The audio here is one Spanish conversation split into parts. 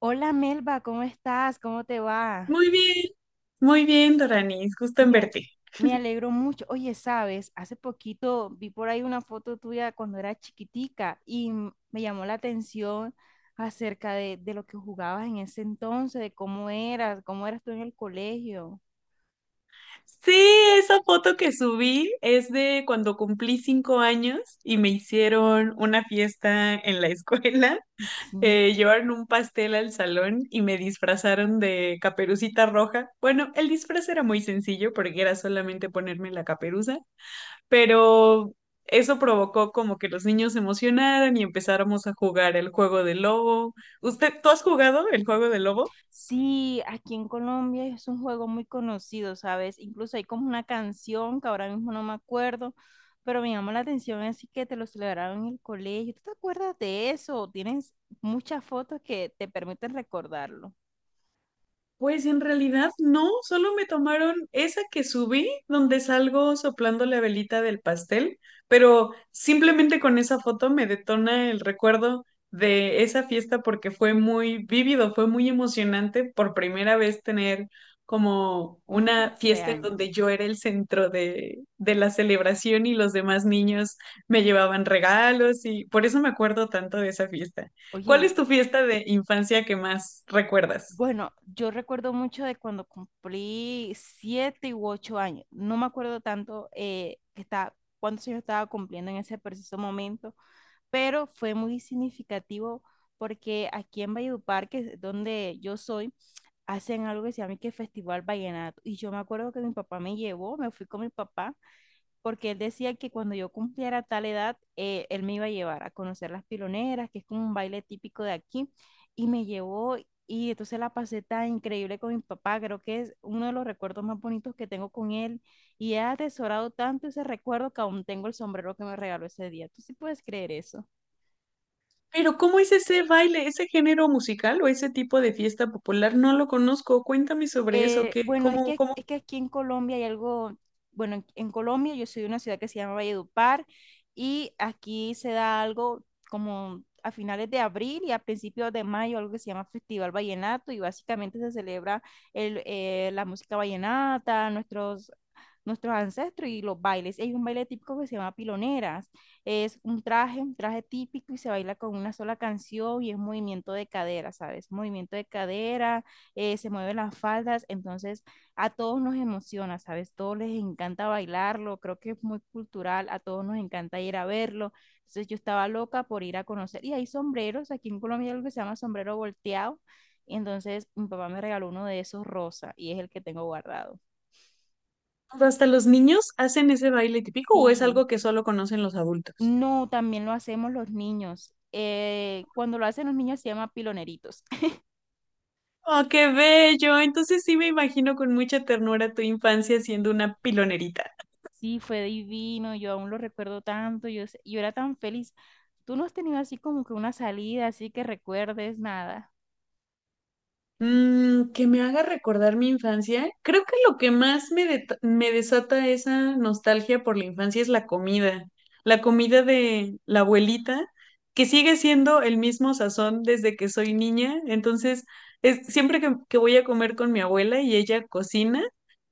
Hola Melba, ¿cómo estás? ¿Cómo te va? Muy bien, muy bien, Doranis, gusto en Me, verte. me alegro mucho. Oye, sabes, hace poquito vi por ahí una foto tuya cuando era chiquitica y me llamó la atención acerca de lo que jugabas en ese entonces, de cómo eras tú en el colegio. Sí, esa foto que subí es de cuando cumplí 5 años y me hicieron una fiesta en la escuela. Sí. Llevaron un pastel al salón y me disfrazaron de caperucita roja. Bueno, el disfraz era muy sencillo porque era solamente ponerme la caperuza, pero eso provocó como que los niños se emocionaran y empezáramos a jugar el juego del lobo. ¿Usted, tú has jugado el juego del lobo? Sí, aquí en Colombia es un juego muy conocido, ¿sabes? Incluso hay como una canción que ahora mismo no me acuerdo, pero me llamó la atención, así que te lo celebraron en el colegio. ¿Tú te acuerdas de eso? Tienes muchas fotos que te permiten recordarlo. Pues en realidad no, solo me tomaron esa que subí, donde salgo soplando la velita del pastel, pero simplemente con esa foto me detona el recuerdo de esa fiesta porque fue muy vívido, fue muy emocionante por primera vez tener como Un una fiesta en cumpleaños. donde yo era el centro de la celebración y los demás niños me llevaban regalos y por eso me acuerdo tanto de esa fiesta. ¿Cuál es Oye, tu fiesta de infancia que más recuerdas? bueno, yo recuerdo mucho de cuando cumplí siete u 8 años. No me acuerdo tanto que cuántos años estaba cumpliendo en ese preciso momento, pero fue muy significativo porque aquí en Valledupar, que es donde yo soy, hacen algo que se llama que Festival Vallenato. Y yo me acuerdo que mi papá me llevó, me fui con mi papá, porque él decía que cuando yo cumpliera tal edad, él me iba a llevar a conocer las piloneras, que es como un baile típico de aquí, y me llevó. Y entonces la pasé tan increíble con mi papá, creo que es uno de los recuerdos más bonitos que tengo con él. Y he atesorado tanto ese recuerdo que aún tengo el sombrero que me regaló ese día. ¿Tú sí puedes creer eso? Pero ¿cómo es ese baile, ese género musical o ese tipo de fiesta popular? No lo conozco. Cuéntame sobre eso. Eh, ¿Qué, bueno, es cómo, cómo es que aquí en Colombia hay algo, bueno, en Colombia yo soy de una ciudad que se llama Valledupar y aquí se da algo como a finales de abril y a principios de mayo, algo que se llama Festival Vallenato y básicamente se celebra la música vallenata, nuestros ancestros y los bailes. Hay un baile típico que se llama piloneras. Es un traje típico y se baila con una sola canción y es movimiento de cadera, ¿sabes? Movimiento de cadera, se mueven las faldas, entonces a todos nos emociona, ¿sabes? Todos les encanta bailarlo, creo que es muy cultural, a todos nos encanta ir a verlo. Entonces yo estaba loca por ir a conocer. Y hay sombreros, aquí en Colombia hay algo que se llama sombrero volteado. Entonces mi papá me regaló uno de esos rosa y es el que tengo guardado. hasta los niños hacen ese baile típico o es Sí. algo que solo conocen los adultos? No, también lo hacemos los niños. Cuando lo hacen los niños se llama piloneritos. ¡Oh, qué bello! Entonces sí me imagino con mucha ternura tu infancia siendo una pilonerita. Sí, fue divino, yo aún lo recuerdo tanto, yo era tan feliz. ¿Tú no has tenido así como que una salida, así que recuerdes nada? Mm, que me haga recordar mi infancia. Creo que lo que más me, me desata esa nostalgia por la infancia es la comida. La comida de la abuelita, que sigue siendo el mismo sazón desde que soy niña. Entonces, es, siempre que voy a comer con mi abuela y ella cocina,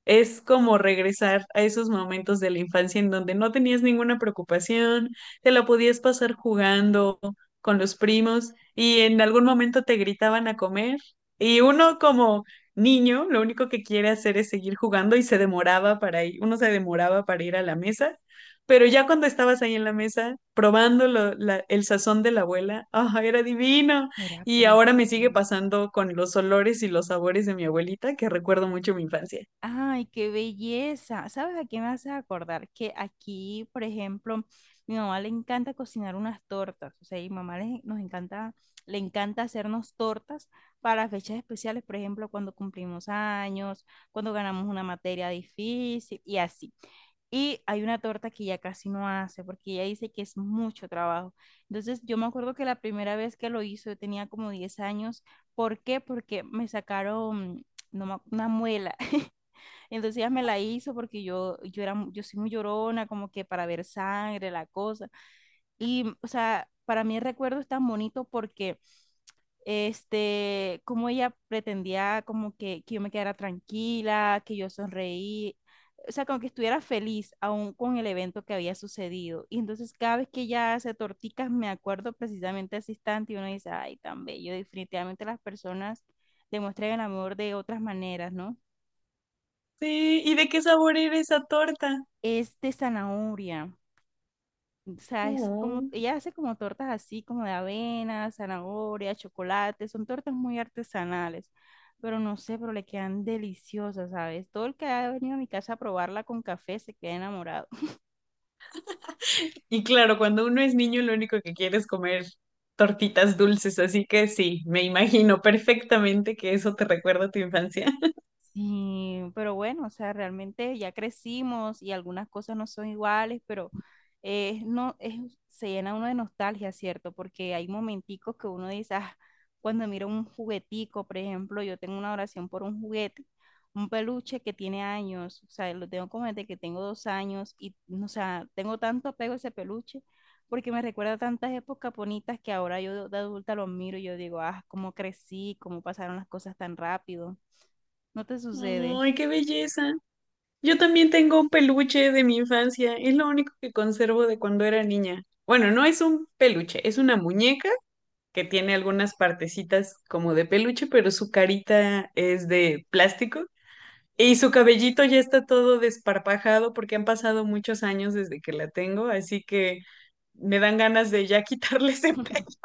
es como regresar a esos momentos de la infancia en donde no tenías ninguna preocupación, te la podías pasar jugando con los primos y en algún momento te gritaban a comer y uno como niño, lo único que quiere hacer es seguir jugando y se demoraba para ir, uno se demoraba para ir a la mesa, pero ya cuando estabas ahí en la mesa probando el sazón de la abuela, ¡ah, era divino! Era Y ahora me sigue precioso. pasando con los olores y los sabores de mi abuelita, que recuerdo mucho mi infancia. Ay, qué belleza. ¿Sabes a qué me hace acordar? Que aquí, por ejemplo, mi mamá le encanta cocinar unas tortas. O sea, nos encanta, le encanta hacernos tortas para fechas especiales, por ejemplo, cuando cumplimos años, cuando ganamos una materia difícil y así. Y hay una torta que ya casi no hace porque ella dice que es mucho trabajo. Entonces, yo me acuerdo que la primera vez que lo hizo, yo tenía como 10 años. ¿Por qué? Porque me sacaron no me ac- una muela. Entonces ella me la hizo porque yo yo soy muy llorona, como que para ver sangre, la cosa. Y, o sea, para mí el recuerdo es tan bonito porque, este, como ella pretendía como que yo me quedara tranquila, que yo sonreí, o sea, como que estuviera feliz aún con el evento que había sucedido. Y entonces cada vez que ella hace torticas, me acuerdo precisamente de ese instante y uno dice, ay, tan bello, definitivamente las personas demuestran el amor de otras maneras, ¿no? Sí, ¿y de qué sabor era esa torta? Es de zanahoria. O sea, es como, Oh. ella hace como tortas así, como de avena, zanahoria, chocolate, son tortas muy artesanales, pero no sé, pero le quedan deliciosas, ¿sabes? Todo el que ha venido a mi casa a probarla con café se queda enamorado. Y claro, cuando uno es niño, lo único que quiere es comer tortitas dulces, así que sí, me imagino perfectamente que eso te recuerda a tu infancia. Sí, pero bueno, o sea, realmente ya crecimos y algunas cosas no son iguales, pero no, es, se llena uno de nostalgia, ¿cierto? Porque hay momenticos que uno dice, ah, cuando miro un juguetico, por ejemplo, yo tengo una oración por un juguete, un peluche que tiene años, o sea, lo tengo como desde que tengo 2 años y, o sea, tengo tanto apego a ese peluche porque me recuerda tantas épocas bonitas que ahora yo de adulta lo miro y yo digo, ah, cómo crecí, cómo pasaron las cosas tan rápido. No te sucede. ¡Ay, qué belleza! Yo también tengo un peluche de mi infancia, es lo único que conservo de cuando era niña. Bueno, no es un peluche, es una muñeca que tiene algunas partecitas como de peluche, pero su carita es de plástico. Y su cabellito ya está todo desparpajado porque han pasado muchos años desde que la tengo, así que me dan ganas de ya quitarle ese,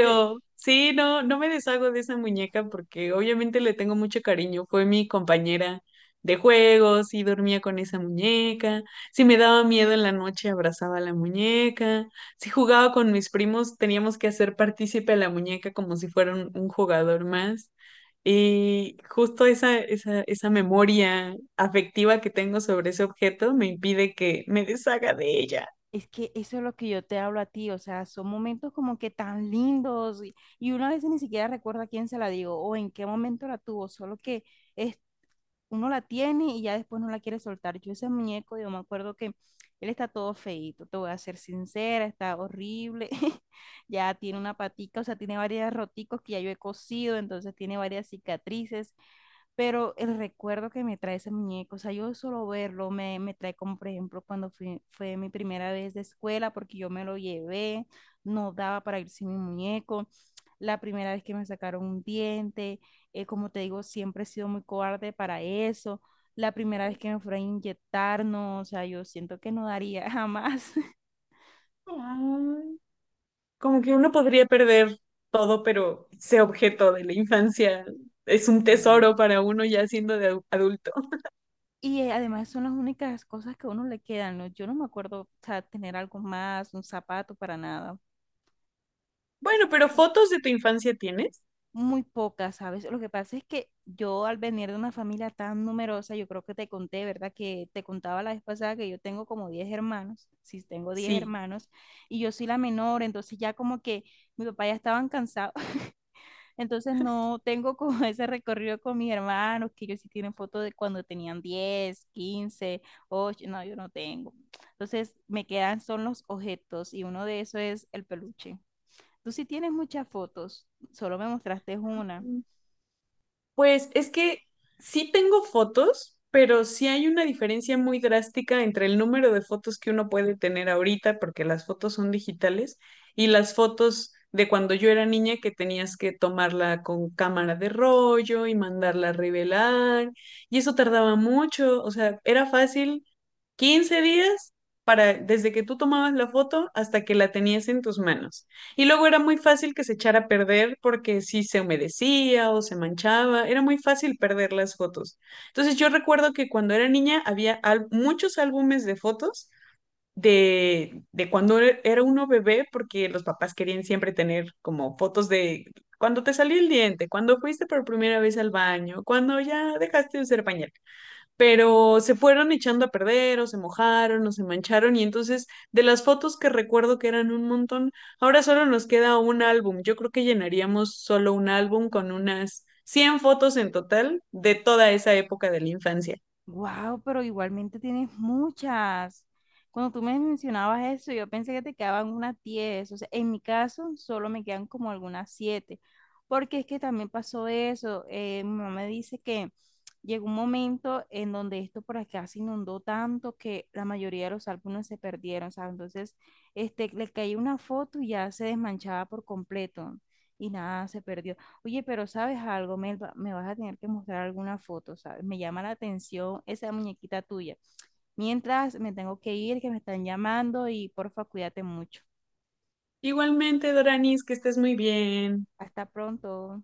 Pero sí, no me deshago de esa muñeca porque obviamente le tengo mucho cariño. Fue mi compañera de juegos y dormía con esa muñeca. Si me daba miedo en la noche, abrazaba a la muñeca. Si jugaba con mis primos, teníamos que hacer partícipe a la muñeca como si fuera un jugador más. Y justo esa memoria afectiva que tengo sobre ese objeto me impide que me deshaga de ella. es que eso es lo que yo te hablo a ti, o sea, son momentos como que tan lindos y uno a veces ni siquiera recuerda a quién se la digo o en qué momento la tuvo, solo que es, uno la tiene y ya después no la quiere soltar. Yo ese muñeco, yo me acuerdo que él está todo feíto, te voy a ser sincera, está horrible, ya tiene una patica, o sea, tiene varias roticos que ya yo he cosido, entonces tiene varias cicatrices, pero el recuerdo que me trae ese muñeco, o sea, yo solo verlo me trae como, por ejemplo, cuando fue mi primera vez de escuela, porque yo me lo llevé, no daba para ir sin mi muñeco, la primera vez que me sacaron un diente, como te digo, siempre he sido muy cobarde para eso, la primera vez que me fueron a inyectar, no, o sea, yo siento que no daría jamás. Ay. Como que uno podría perder todo, pero ese objeto de la infancia es un No. tesoro para uno ya siendo de adulto. Y además son las únicas cosas que a uno le quedan, ¿no? Yo no me acuerdo, o sea, tener algo más, un zapato para nada. Bueno, ¿pero fotos de tu infancia tienes? Muy pocas, ¿sabes? Lo que pasa es que yo al venir de una familia tan numerosa, yo creo que te conté, ¿verdad? Que te contaba la vez pasada que yo tengo como 10 hermanos, sí, tengo 10 Sí. hermanos, y yo soy la menor, entonces ya como que mi papá ya estaban cansados, entonces no tengo como ese recorrido con mis hermanos, que ellos sí tienen fotos de cuando tenían 10, 15, 8, no, yo no tengo. Entonces me quedan son los objetos y uno de esos es el peluche. Tú sí tienes muchas fotos, solo me mostraste una. Pues es que sí tengo fotos, pero sí hay una diferencia muy drástica entre el número de fotos que uno puede tener ahorita, porque las fotos son digitales, y las fotos de cuando yo era niña, que tenías que tomarla con cámara de rollo y mandarla a revelar, y eso tardaba mucho, o sea, era fácil 15 días para desde que tú tomabas la foto hasta que la tenías en tus manos. Y luego era muy fácil que se echara a perder porque si se humedecía o se manchaba, era muy fácil perder las fotos. Entonces yo recuerdo que cuando era niña había muchos álbumes de fotos de cuando era uno bebé porque los papás querían siempre tener como fotos de cuando te salió el diente, cuando fuiste por primera vez al baño, cuando ya dejaste de usar pañal, pero se fueron echando a perder o se mojaron o se mancharon y entonces de las fotos que recuerdo que eran un montón, ahora solo nos queda un álbum. Yo creo que llenaríamos solo un álbum con unas 100 fotos en total de toda esa época de la infancia. Wow, pero igualmente tienes muchas. Cuando tú me mencionabas eso, yo pensé que te quedaban unas 10. O sea, en mi caso solo me quedan como algunas 7, porque es que también pasó eso. Mi mamá me dice que llegó un momento en donde esto por acá se inundó tanto que la mayoría de los álbumes se perdieron, ¿sabes? Entonces, este, le caía una foto y ya se desmanchaba por completo y nada, se perdió. Oye, pero ¿sabes algo, Melba? Me vas a tener que mostrar alguna foto, ¿sabes? Me llama la atención esa muñequita tuya. Mientras me tengo que ir, que me están llamando y porfa, cuídate mucho. Igualmente, Doranis, que estés muy bien. Hasta pronto.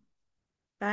Bye.